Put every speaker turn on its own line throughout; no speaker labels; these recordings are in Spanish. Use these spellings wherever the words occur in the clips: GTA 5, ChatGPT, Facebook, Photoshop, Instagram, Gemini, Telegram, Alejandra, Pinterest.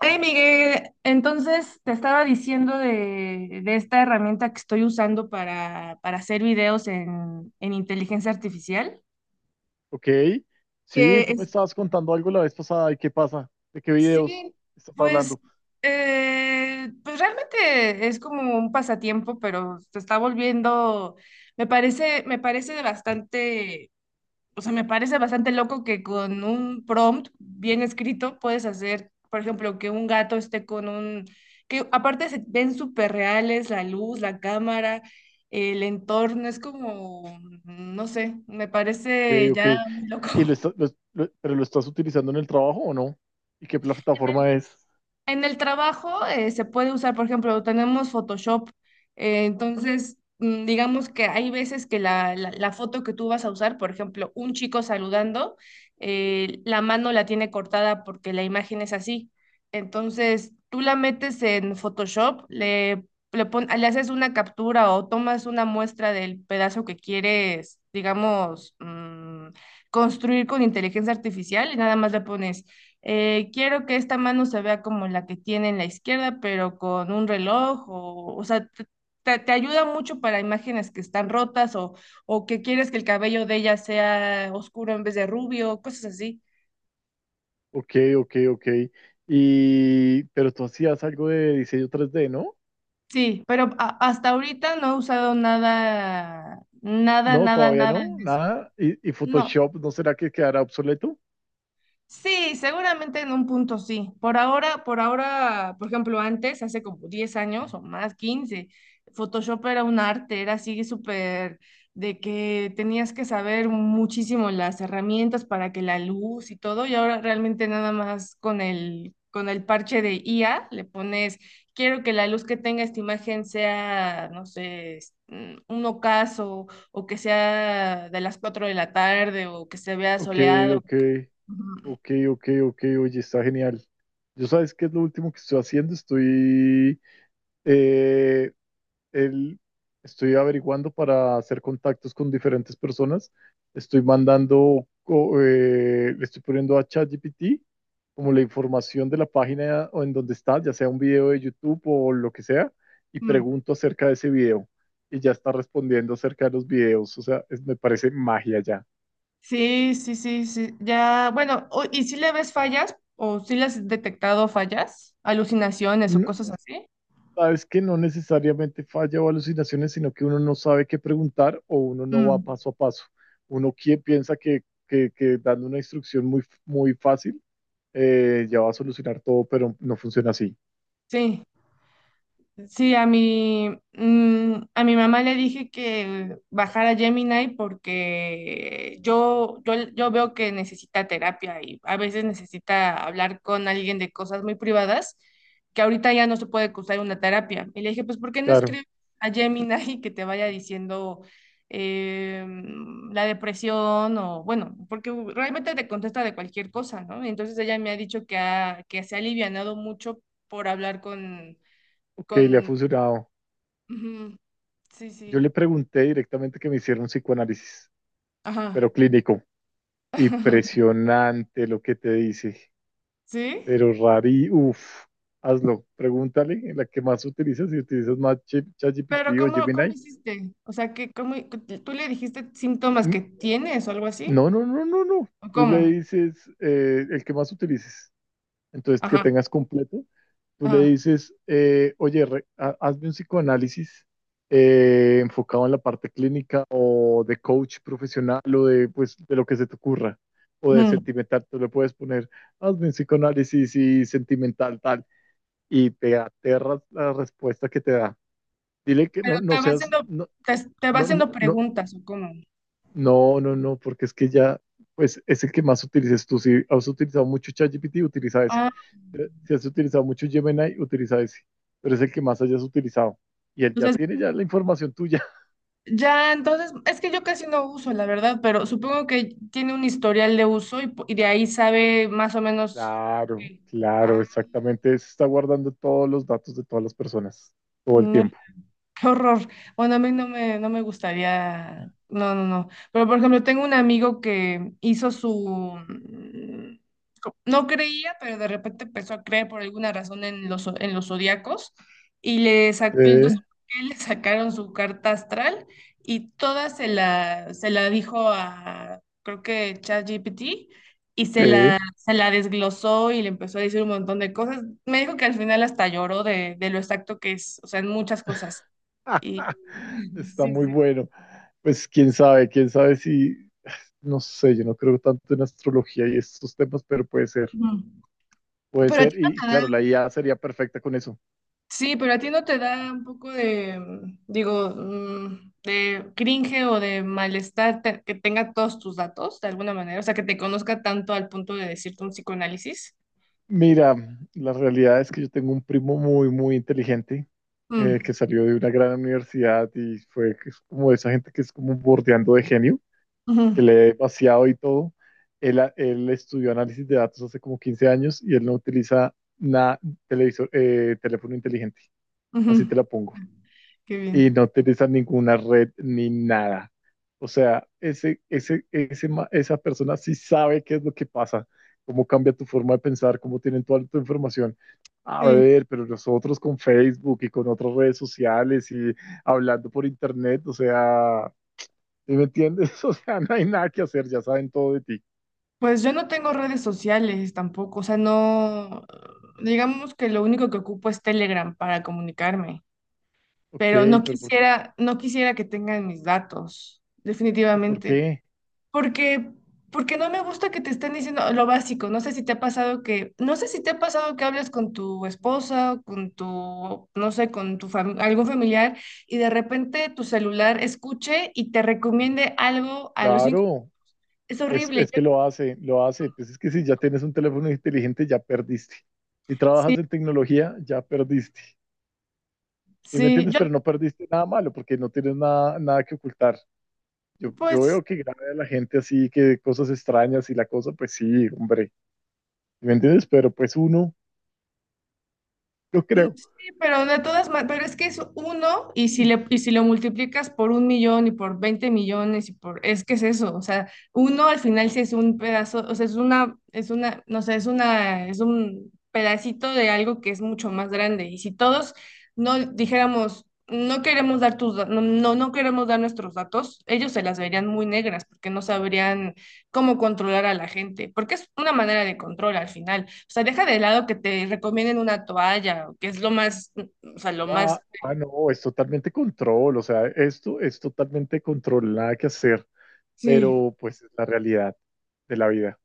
Hey Miguel, entonces te estaba diciendo de esta herramienta que estoy usando para hacer videos en inteligencia artificial,
Ok,
que
sí, tú me
es-
estabas contando algo la vez pasada. ¿Y qué pasa? ¿De qué videos
sí,
estás
pues,
hablando?
pues realmente es como un pasatiempo, pero se está volviendo, me parece bastante. O sea, me parece bastante loco que con un prompt bien escrito puedes hacer, por ejemplo, que un gato esté con un... que aparte se ven súper reales, la luz, la cámara, el entorno, es como, no sé, me
Ok,
parece
ok,
ya muy loco.
¿y lo pero lo estás utilizando en el trabajo o no? ¿Y qué plataforma es?
En el trabajo se puede usar, por ejemplo, tenemos Photoshop, digamos que hay veces que la foto que tú vas a usar, por ejemplo, un chico saludando, la mano la tiene cortada porque la imagen es así. Entonces tú la metes en Photoshop, le haces una captura o tomas una muestra del pedazo que quieres, digamos, construir con inteligencia artificial y nada más le pones quiero que esta mano se vea como la que tiene en la izquierda, pero con un reloj, o sea, te ayuda mucho para imágenes que están rotas o que quieres que el cabello de ella sea oscuro en vez de rubio, cosas así.
Ok, ok, ok, y pero tú hacías algo de diseño 3D, ¿no?
Sí, pero hasta ahorita no he usado
No, todavía
nada
no,
en eso.
nada. ¿Y, ¿y
No.
Photoshop no será que quedará obsoleto?
Sí, seguramente en un punto sí. Por ahora, por ejemplo, antes, hace como 10 años o más, 15, Photoshop era un arte, era así súper de que tenías que saber muchísimo las herramientas para que la luz y todo, y ahora realmente nada más con el parche de IA le pones, quiero que la luz que tenga esta imagen sea, no sé, un ocaso o que sea de las 4 de la tarde o que se vea
Ok,
soleado.
ok, ok, ok, ok, oye, está genial. Yo, sabes qué es lo último que estoy haciendo, estoy... eh, el- estoy averiguando para hacer contactos con diferentes personas. Estoy le estoy poniendo a ChatGPT como la información de la página o en donde está, ya sea un video de YouTube o lo que sea, y
Mm.
pregunto acerca de ese video. Y ya está respondiendo acerca de los videos. O sea, me parece magia ya.
Sí. Ya, bueno, ¿y si le ves fallas o si le has detectado fallas, alucinaciones o cosas así?
Sabes que no necesariamente falla o alucinaciones, sino que uno no sabe qué preguntar o uno no va
Mm.
paso a paso. Piensa que dando una instrucción muy, muy fácil, ya va a solucionar todo, pero no funciona así.
Sí. Sí, a mi mamá le dije que bajara Gemini porque yo veo que necesita terapia y a veces necesita hablar con alguien de cosas muy privadas que ahorita ya no se puede cursar una terapia. Y le dije, pues, ¿por qué no
Claro,
escribes a Gemini que te vaya diciendo eh, la depresión o, bueno, porque realmente te contesta de cualquier cosa, ¿no? Entonces ella me ha dicho que se ha alivianado mucho por hablar con...
ok,
con.
le ha funcionado.
Ujú. Sí,
Yo
sí.
le pregunté directamente que me hiciera un psicoanálisis,
Ajá.
pero clínico. Impresionante lo que te dice,
¿Sí?
pero rari, uff, hazlo, pregúntale en la que más utilizas, si utilizas más
Pero
ChatGPT o
cómo
Gemini.
hiciste? O sea, que cómo, ¿tú le dijiste síntomas
mm,
que tienes o algo así?
No, no, no, no, no.
¿O
Tú
cómo?
le dices, el que más utilices. Entonces, que
Ajá,
tengas completo. Tú le
ajá.
dices, oye, hazme un psicoanálisis, enfocado en la parte clínica o de coach profesional o de, pues, de lo que se te ocurra o de
Ujú.
sentimental. Tú le puedes poner, hazme un psicoanálisis y sentimental tal. Y te aterras la respuesta que te da. Dile que
Pero
no, no
te va
seas,
haciendo,
no,
te va
no, no,
haciendo
no.
preguntas, ¿o cómo?
No, no, no, porque es que ya, pues es el que más utilices tú. Si has utilizado mucho ChatGPT, utiliza ese.
Ah,
Si has utilizado mucho Gemini, utiliza ese. Pero es el que más hayas utilizado. Y él ya
entonces,
tiene ya la información tuya.
ya, entonces, es que yo casi no uso, la verdad, pero supongo que tiene un historial de uso y de ahí sabe más o menos.
Claro,
Qué. Ah,
claro, exactamente. Se está guardando todos los datos de todas las personas, todo el
no.
tiempo.
Qué horror. Bueno, a mí no me, no me gustaría. No, no, no. Pero por ejemplo, tengo un amigo que hizo su. No creía, pero de repente empezó a creer por alguna razón en en los zodiacos y él no sé
Sí,
por qué le sacaron su carta astral y toda se la dijo a, creo que ChatGPT y
sí.
se la desglosó y le empezó a decir un montón de cosas. Me dijo que al final hasta lloró de lo exacto que es, o sea, en muchas cosas. Y
Está
sí,
muy
sí.
bueno. Pues quién sabe, quién sabe, no sé, yo no creo tanto en astrología y estos temas, pero puede ser.
Ujú.
Puede
Pero a
ser,
ti no
y
te da,
claro, la IA sería perfecta con eso.
sí, pero a ti no te da un poco de, digo, de cringe o de malestar que tenga todos tus datos de alguna manera, o sea, que te conozca tanto al punto de decirte un psicoanálisis.
Mira, la realidad es que yo tengo un primo muy, muy inteligente,
Mm,
que salió de una gran universidad y fue, que es como esa gente que es como bordeando de genio,
ujú,
que lee vaciado y todo. Él estudió análisis de datos hace como 15 años y él no utiliza nada, televisor, teléfono inteligente. Así te la
ujú.
pongo.
Qué
Y no
bien.
utilizan ninguna red ni nada. O sea, esa persona sí sabe qué es lo que pasa, cómo cambia tu forma de pensar, cómo tienen toda tu información. A
Sí,
ver, pero nosotros con Facebook y con otras redes sociales y hablando por internet, o sea, ¿sí me entiendes? O sea, no hay nada que hacer, ya saben todo de ti.
pues yo no tengo redes sociales tampoco, o sea, no, digamos que lo único que ocupo es Telegram para comunicarme.
Ok,
Pero no
pero
quisiera, no quisiera que tengan mis datos,
¿y por
definitivamente,
qué?
porque, porque no me gusta que te estén diciendo lo básico. No sé si te ha pasado que, no sé si te ha pasado que hablas con tu esposa, o con tu, no sé, con tu algún familiar y de repente tu celular escuche y te recomiende algo a los cinco.
Claro.
Es horrible.
Es que lo hace, lo hace. Pues es que si ya tienes un teléfono inteligente, ya perdiste. Si
Sí,
trabajas en tecnología, ya perdiste. ¿Sí me
sí,
entiendes?
yo
Pero no perdiste nada malo porque no tienes nada, nada que ocultar. Yo
pues.
veo que grave a la gente así, que cosas extrañas y la cosa, pues sí, hombre. ¿Sí me entiendes? Pero pues uno, yo
Mm.
creo.
Sí, pero de todas maneras, pero es que es uno y si le, y si lo multiplicas por un millón y por 20 millones y por, es que es eso, o sea, uno al final sí es un pedazo, o sea, no sé, es una, es un pedacito de algo que es mucho más grande y si todos no dijéramos, no queremos dar no, no, no queremos dar nuestros datos, ellos se las verían muy negras porque no sabrían cómo controlar a la gente, porque es una manera de control al final. O sea, deja de lado que te recomienden una toalla, que es lo más, o sea, lo más,
Ah, ah, no, es totalmente control. O sea, esto es totalmente control, nada que hacer.
sí.
Pero pues es la realidad de la vida.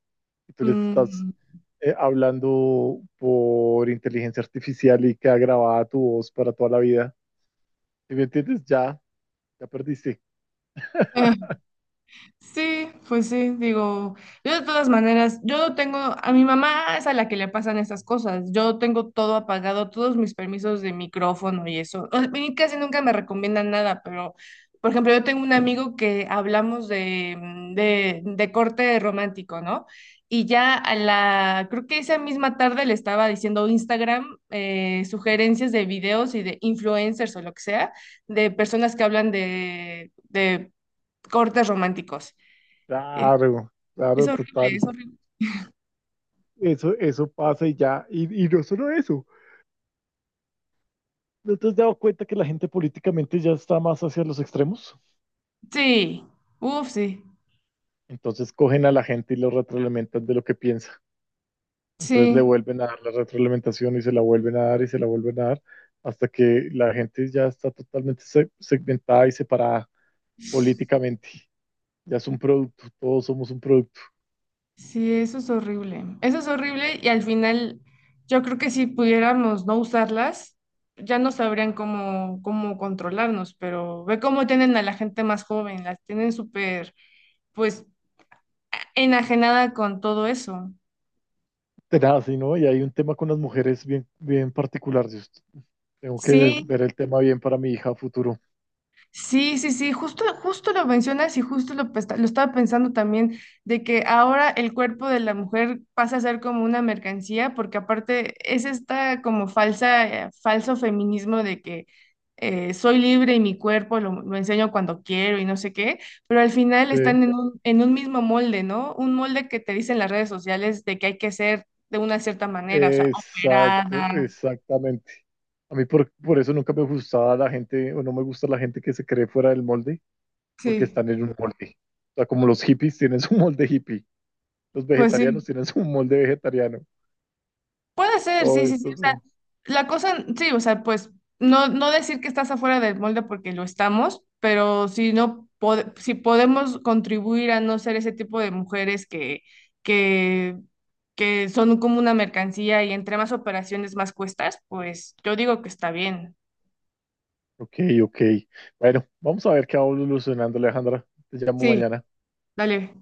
Y tú les estás,
mm,
hablando por inteligencia artificial y queda grabada tu voz para toda la vida. ¿Sí me entiendes? Ya, ya perdiste.
ah, Sí, pues sí, digo, yo de todas maneras, yo tengo, a mi mamá es a la que le pasan estas cosas, yo tengo todo apagado, todos mis permisos de micrófono y eso, o sea, y casi nunca me recomiendan nada, pero, por ejemplo, yo tengo un amigo que hablamos de, de corte romántico, ¿no? Y ya a la, creo que esa misma tarde le estaba diciendo Instagram, sugerencias de videos y de influencers o lo que sea, de personas que hablan de cortes románticos. Es,
Claro,
es
claro,
horrible,
total.
es horrible.
Eso pasa y ya. Y no solo eso. ¿No te has dado cuenta que la gente políticamente ya está más hacia los extremos?
Sí, uff, sí,
Entonces cogen a la gente y lo retroalimentan de lo que piensa. Entonces le
sí,
vuelven a dar la retroalimentación y se la vuelven a dar y se la vuelven a dar hasta que la gente ya está totalmente segmentada y separada políticamente. Ya es un producto, todos somos un producto.
sí, eso es horrible. Eso es horrible y al final yo creo que si pudiéramos no usarlas, ya no sabrían cómo controlarnos, pero ve cómo tienen a la gente más joven, las tienen súper, pues, enajenada con todo eso.
Tenaz, ¿sí?, ¿no? Y hay un tema con las mujeres bien, bien particular. Yo tengo que
Sí.
ver el tema bien para mi hija a futuro.
Justo lo mencionas y justo lo estaba pensando también, de que ahora el cuerpo de la mujer pasa a ser como una mercancía, porque aparte es esta como falsa, falso feminismo de que soy libre y mi cuerpo lo enseño cuando quiero y no sé qué, pero al final
Sí,
están en un mismo molde, ¿no? Un molde que te dicen las redes sociales de que hay que ser de una cierta manera, o sea,
exacto,
operada.
exactamente. A mí por eso nunca me gustaba la gente, o no me gusta la gente que se cree fuera del molde, porque
Sí,
están en un molde. O sea, como los hippies tienen su molde hippie. Los
pues
vegetarianos
sí.
tienen su molde vegetariano.
Puede ser,
Todo
sí.
esto.
O sea,
Como,
la cosa, sí, o sea, pues no, no decir que estás afuera del molde porque lo estamos, pero si no, si podemos contribuir a no ser ese tipo de mujeres que, que son como una mercancía y entre más operaciones más cuestas, pues yo digo que está bien.
ok, ok. Bueno, vamos a ver qué va evolucionando, Alejandra. Te llamo
Sí,
mañana.
dale.